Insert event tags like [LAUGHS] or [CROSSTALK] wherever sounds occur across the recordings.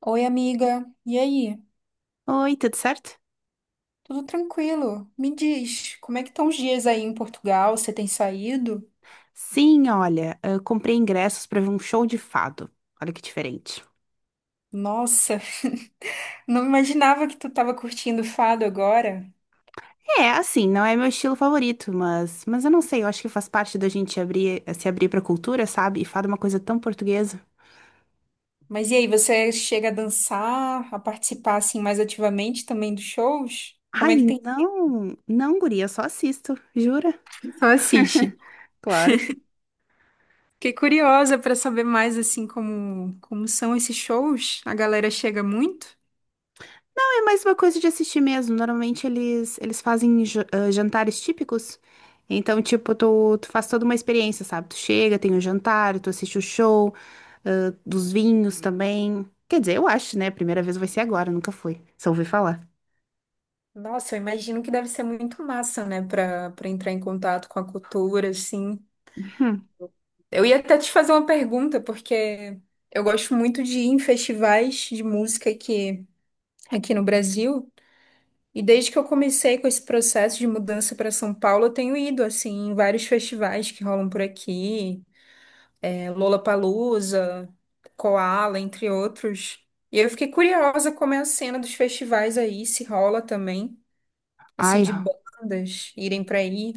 Oi, amiga. E aí? Oi, tudo certo? Tudo tranquilo? Me diz, como é que estão os dias aí em Portugal? Você tem saído? Sim, olha, eu comprei ingressos pra ver um show de fado. Olha que diferente. Nossa, [LAUGHS] não imaginava que tu estava curtindo fado agora. É, assim, não é meu estilo favorito, mas eu não sei, eu acho que faz parte da gente abrir, se abrir pra cultura, sabe? E fado é uma coisa tão portuguesa. Mas e aí, você chega a dançar, a participar assim mais ativamente também dos shows? Como é que Ai, tem? não, não, guria, eu só assisto, jura? Só assiste. Claro. Fiquei curiosa para saber mais assim como são esses shows. A galera chega muito? É mais uma coisa de assistir mesmo. Normalmente eles fazem jantares típicos. Então, tipo, tu faz toda uma experiência, sabe? Tu chega, tem o jantar, tu assiste o show, dos vinhos também. Quer dizer, eu acho, né? A primeira vez vai ser agora, nunca fui. Só ouvi falar. Nossa, eu imagino que deve ser muito massa, né, para entrar em contato com a cultura assim. Hum. Eu ia até te fazer uma pergunta, porque eu gosto muito de ir em festivais de música aqui, aqui no Brasil. E desde que eu comecei com esse processo de mudança para São Paulo, eu tenho ido assim em vários festivais que rolam por aqui, é, Lollapalooza, Koala, entre outros. E eu fiquei curiosa como é a cena dos festivais aí, se rola também, assim, Ai, de bandas irem para aí.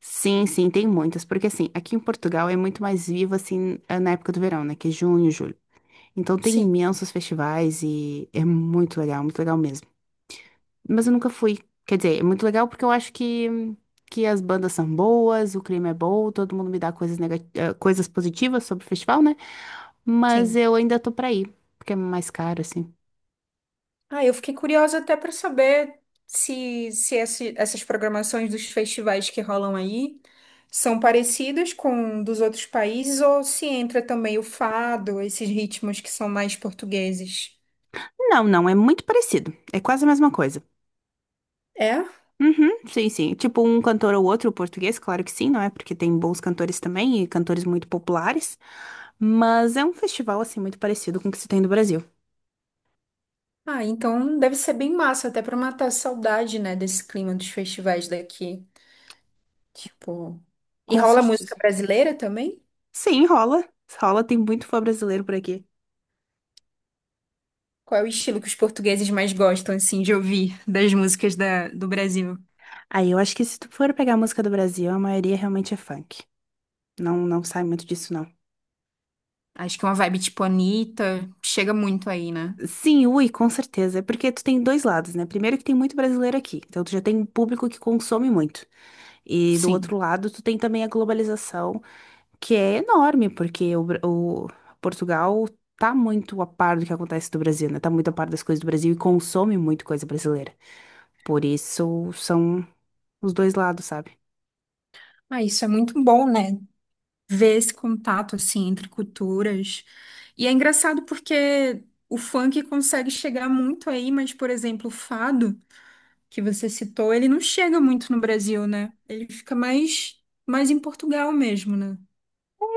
sim, sim, tem muitas. Porque assim, aqui em Portugal é muito mais vivo, assim, na época do verão, né? Que é junho, julho. Então tem Sim, imensos festivais e é muito legal mesmo. Mas eu nunca fui. Quer dizer, é muito legal porque que as bandas são boas, o clima é bom, todo mundo me dá coisas, coisas positivas sobre o festival, né? Mas sim. eu ainda tô pra ir, porque é mais caro, assim. Ah, eu fiquei curiosa até para saber se, se esse- essas programações dos festivais que rolam aí são parecidas com dos outros países ou se entra também o fado, esses ritmos que são mais portugueses. Não, não, é muito parecido. É quase a mesma coisa. É? Uhum, sim, sim. Tipo um cantor ou outro português, claro que sim, não é? Porque tem bons cantores também e cantores muito populares. Mas é um festival, assim, muito parecido com o que se tem no Brasil. Ah, então deve ser bem massa, até para matar a saudade, né, desse clima dos festivais daqui. Tipo. E Com rola música certeza. brasileira também? Sim, rola. Rola, tem muito fã brasileiro por aqui. Qual é o estilo que os portugueses mais gostam, assim, de ouvir das do Brasil? Aí eu acho que se tu for pegar a música do Brasil, a maioria realmente é funk. Não, não sai muito disso, não. Acho que uma vibe tipo Anitta chega muito aí, né? Sim, ui, com certeza. É porque tu tem dois lados, né? Primeiro que tem muito brasileiro aqui, então tu já tem um público que consome muito. E do Sim. outro lado, tu tem também a globalização, que é enorme, porque o Portugal tá muito a par do que acontece do Brasil, né? Tá muito a par das coisas do Brasil e consome muito coisa brasileira. Por isso são os dois lados, sabe? Ah, isso é muito bom, né? Ver esse contato assim entre culturas. E é engraçado porque o funk consegue chegar muito aí, mas, por exemplo, o fado que você citou, ele não chega muito no Brasil, né? Ele fica mais em Portugal mesmo, né?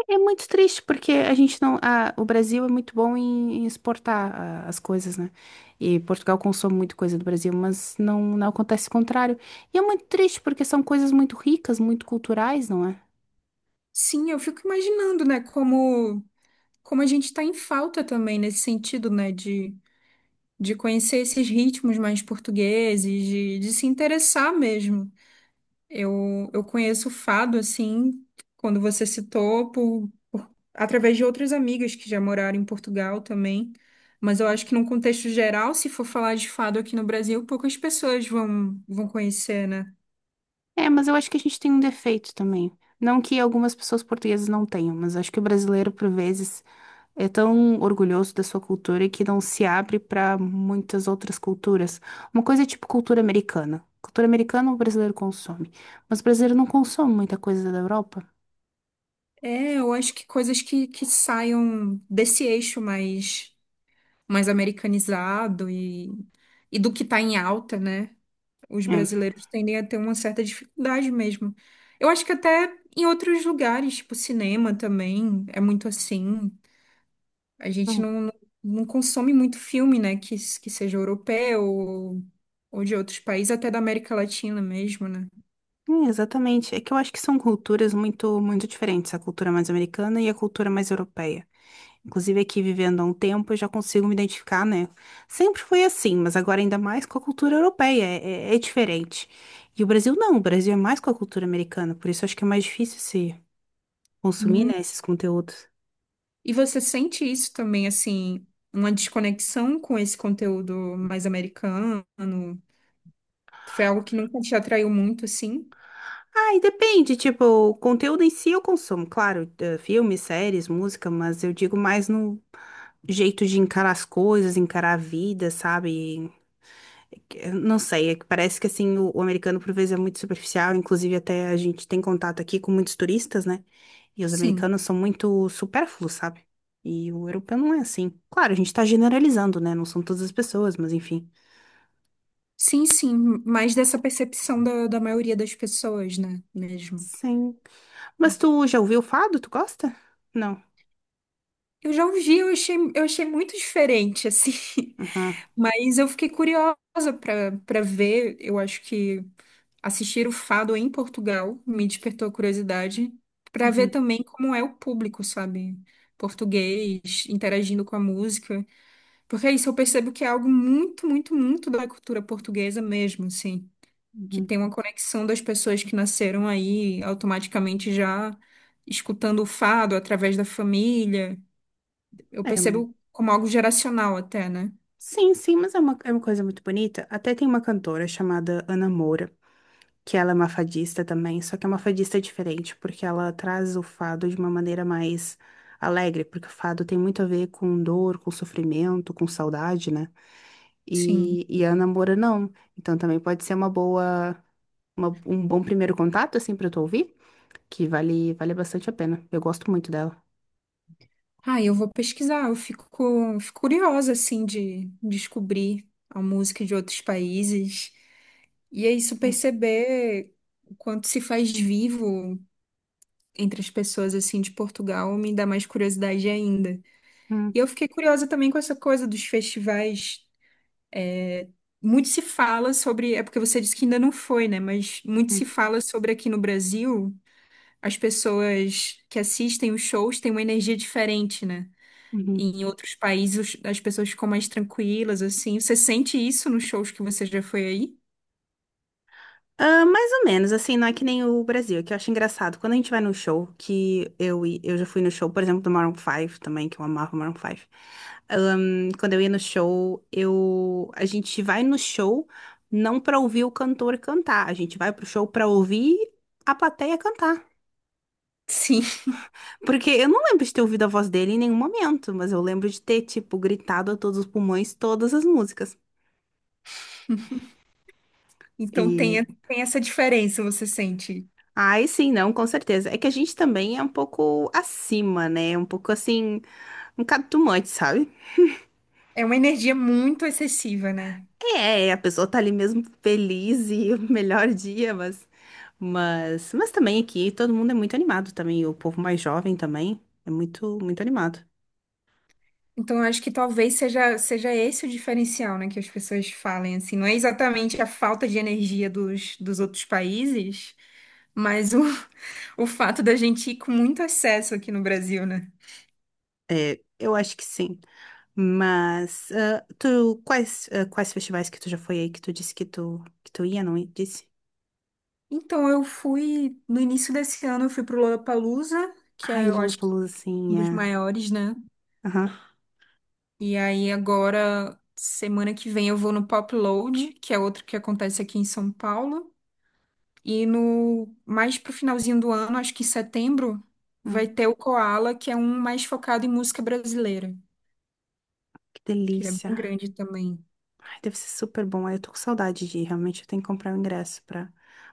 É muito triste porque a gente não, o Brasil é muito bom em exportar as coisas, né? E Portugal consome muito coisa do Brasil, mas não, não acontece o contrário. E é muito triste porque são coisas muito ricas, muito culturais, não é? Sim, eu fico imaginando, né, como como a gente tá em falta também nesse sentido, né, de conhecer esses ritmos mais portugueses, de se interessar mesmo. Eu conheço o fado, assim, quando você citou, através de outras amigas que já moraram em Portugal também. Mas eu acho que, num contexto geral, se for falar de fado aqui no Brasil, poucas pessoas vão conhecer, né? É, mas eu acho que a gente tem um defeito também. Não que algumas pessoas portuguesas não tenham, mas acho que o brasileiro, por vezes, é tão orgulhoso da sua cultura que não se abre para muitas outras culturas. Uma coisa é tipo cultura americana. Cultura americana o brasileiro consome, mas o brasileiro não consome muita coisa da Europa. É, eu acho que coisas que saiam desse eixo mais, mais americanizado e do que está em alta, né? Os É. brasileiros tendem a ter uma certa dificuldade mesmo. Eu acho que até em outros lugares, tipo cinema também, é muito assim. A gente Hum. não, não consome muito filme, né? Que seja europeu ou de outros países, até da América Latina mesmo, né? É, exatamente. É que eu acho que são culturas muito, muito diferentes, a cultura mais americana e a cultura mais europeia. Inclusive, aqui vivendo há um tempo, eu já consigo me identificar, né? Sempre foi assim, mas agora ainda mais com a cultura europeia. É diferente. E o Brasil não, o Brasil é mais com a cultura americana, por isso eu acho que é mais difícil se consumir, Hum. né, esses conteúdos. E você sente isso também, assim, uma desconexão com esse conteúdo mais americano? Foi algo que nunca te atraiu muito, assim? Ah, e depende, tipo, o conteúdo em si eu consumo, claro, filmes, séries, música, mas eu digo mais no jeito de encarar as coisas, encarar a vida, sabe? Eu não sei, é que parece que assim, o americano por vezes é muito superficial, inclusive até a gente tem contato aqui com muitos turistas, né? E os Sim. americanos são muito supérfluos, sabe? E o europeu não é assim. Claro, a gente tá generalizando, né? Não são todas as pessoas, mas enfim. Sim, sim, mais dessa percepção da, da maioria das pessoas, né? Mesmo. Sim. Mas tu já ouviu o fado? Tu gosta? Não. Eu já ouvi, eu achei muito diferente, assim. [LAUGHS] Uhum. Mas eu fiquei curiosa para ver. Eu acho que assistir o Fado em Portugal me despertou a curiosidade para ver Uhum, também como é o público, sabe? Português, interagindo com a música. Porque é isso, eu percebo que é algo muito, muito, muito da cultura portuguesa mesmo, assim, que uhum. tem uma conexão das pessoas que nasceram aí automaticamente já escutando o fado através da família. Eu É, percebo como algo geracional até, né? sim, sim, mas é uma coisa muito bonita. Até tem uma cantora chamada Ana Moura, que ela é uma fadista também, só que é uma fadista diferente, porque ela traz o fado de uma maneira mais alegre, porque o fado tem muito a ver com dor, com sofrimento, com saudade, né? E, Sim. e a Ana Moura não. Então também pode ser uma boa, um bom primeiro contato, assim, pra tu ouvir, que vale bastante a pena. Eu gosto muito dela. Ah, eu vou pesquisar, eu fico, fico curiosa, assim, de descobrir a música de outros países. E é isso, Uhum, perceber o quanto se faz vivo entre as pessoas, assim, de Portugal, me dá mais curiosidade ainda. E uhum, eu fiquei curiosa também com essa coisa dos festivais. Muito se fala sobre, é porque você disse que ainda não foi, né? Mas muito se fala sobre aqui no Brasil, as pessoas que assistem os shows têm uma energia diferente, né? E uhum. em outros países as pessoas ficam mais tranquilas, assim. Você sente isso nos shows que você já foi aí? Ah, mais ou menos, assim, não é que nem o Brasil, que eu acho engraçado. Quando a gente vai num show, que eu já fui no show, por exemplo, do Maroon Five também, que eu amava o Maroon Five. Quando eu ia no show, a gente vai no show não pra ouvir o cantor cantar, a gente vai pro show pra ouvir a plateia cantar. Sim. Porque eu não lembro de ter ouvido a voz dele em nenhum momento, mas eu lembro de ter, tipo, gritado a todos os pulmões todas as músicas. Então tem, E tem essa diferença, você sente. ai, sim, não, com certeza. É que a gente também é um pouco acima, né? Um pouco assim, um catumante, sabe? É uma energia muito excessiva, né? É, a pessoa tá ali mesmo feliz e [LAUGHS] o melhor dia, mas, mas também aqui todo mundo é muito animado também, o povo mais jovem também é muito, muito animado. Então, eu acho que talvez seja, seja esse o diferencial, né, que as pessoas falem, assim, não é exatamente a falta de energia dos, dos outros países, mas o, [LAUGHS] o fato da gente ir com muito acesso aqui no Brasil, né? É, eu acho que sim. Mas, tu, quais festivais que tu já foi aí que tu disse que que tu ia, não ia? Disse? Então, eu fui, no início desse ano, eu fui pro Lollapalooza, que Ai, é, eu acho que Lollapalooza, um sim, dos é. maiores, né? Aham. E aí, agora, semana que vem, eu vou no Pop Load, que é outro que acontece aqui em São Paulo. E no mais pro finalzinho do ano, acho que em setembro, vai Hum, ter o Koala, que é um mais focado em música brasileira, que que ele é bem delícia. grande também. Ai, deve ser super bom. Ai, eu tô com saudade de ir. Realmente eu tenho que comprar o ingresso pra,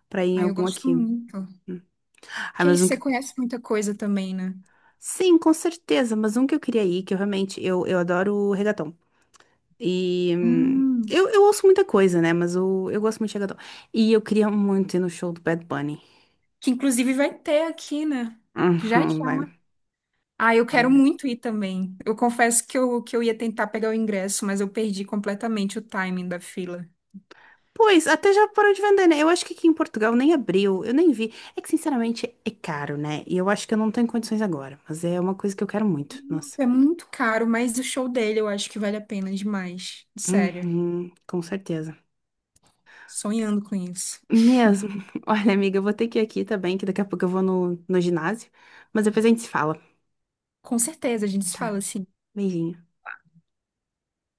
pra ir em Ah, eu algum gosto aqui. muito. Hum. Ai, Que mas isso, um você que... conhece muita coisa também, né? Sim, com certeza. Mas um que eu queria ir, que eu realmente... Eu adoro reggaeton. E... Hum, Eu ouço muita coisa, né? Mas eu gosto muito de reggaeton. E eu queria muito ir no show do Bad Bunny. que inclusive vai ter aqui, né? Já, Uhum, vai, já. Ah, eu vai, quero vai. muito ir também. Eu confesso que eu ia tentar pegar o ingresso, mas eu perdi completamente o timing da fila. Pois, até já parou de vender, né? Eu acho que aqui em Portugal nem abriu, eu nem vi. É que, sinceramente, é caro, né? E eu acho que eu não tenho condições agora, mas é uma coisa que eu quero muito. Nossa. É muito caro, mas o show dele eu acho que vale a pena demais. Sério, Uhum, com certeza. sonhando com isso. Mesmo. [LAUGHS] Olha, amiga, eu vou ter que ir aqui também, que daqui a pouco eu vou no ginásio. Mas depois a gente se fala, Com certeza, a gente se fala tá? assim. Beijinho.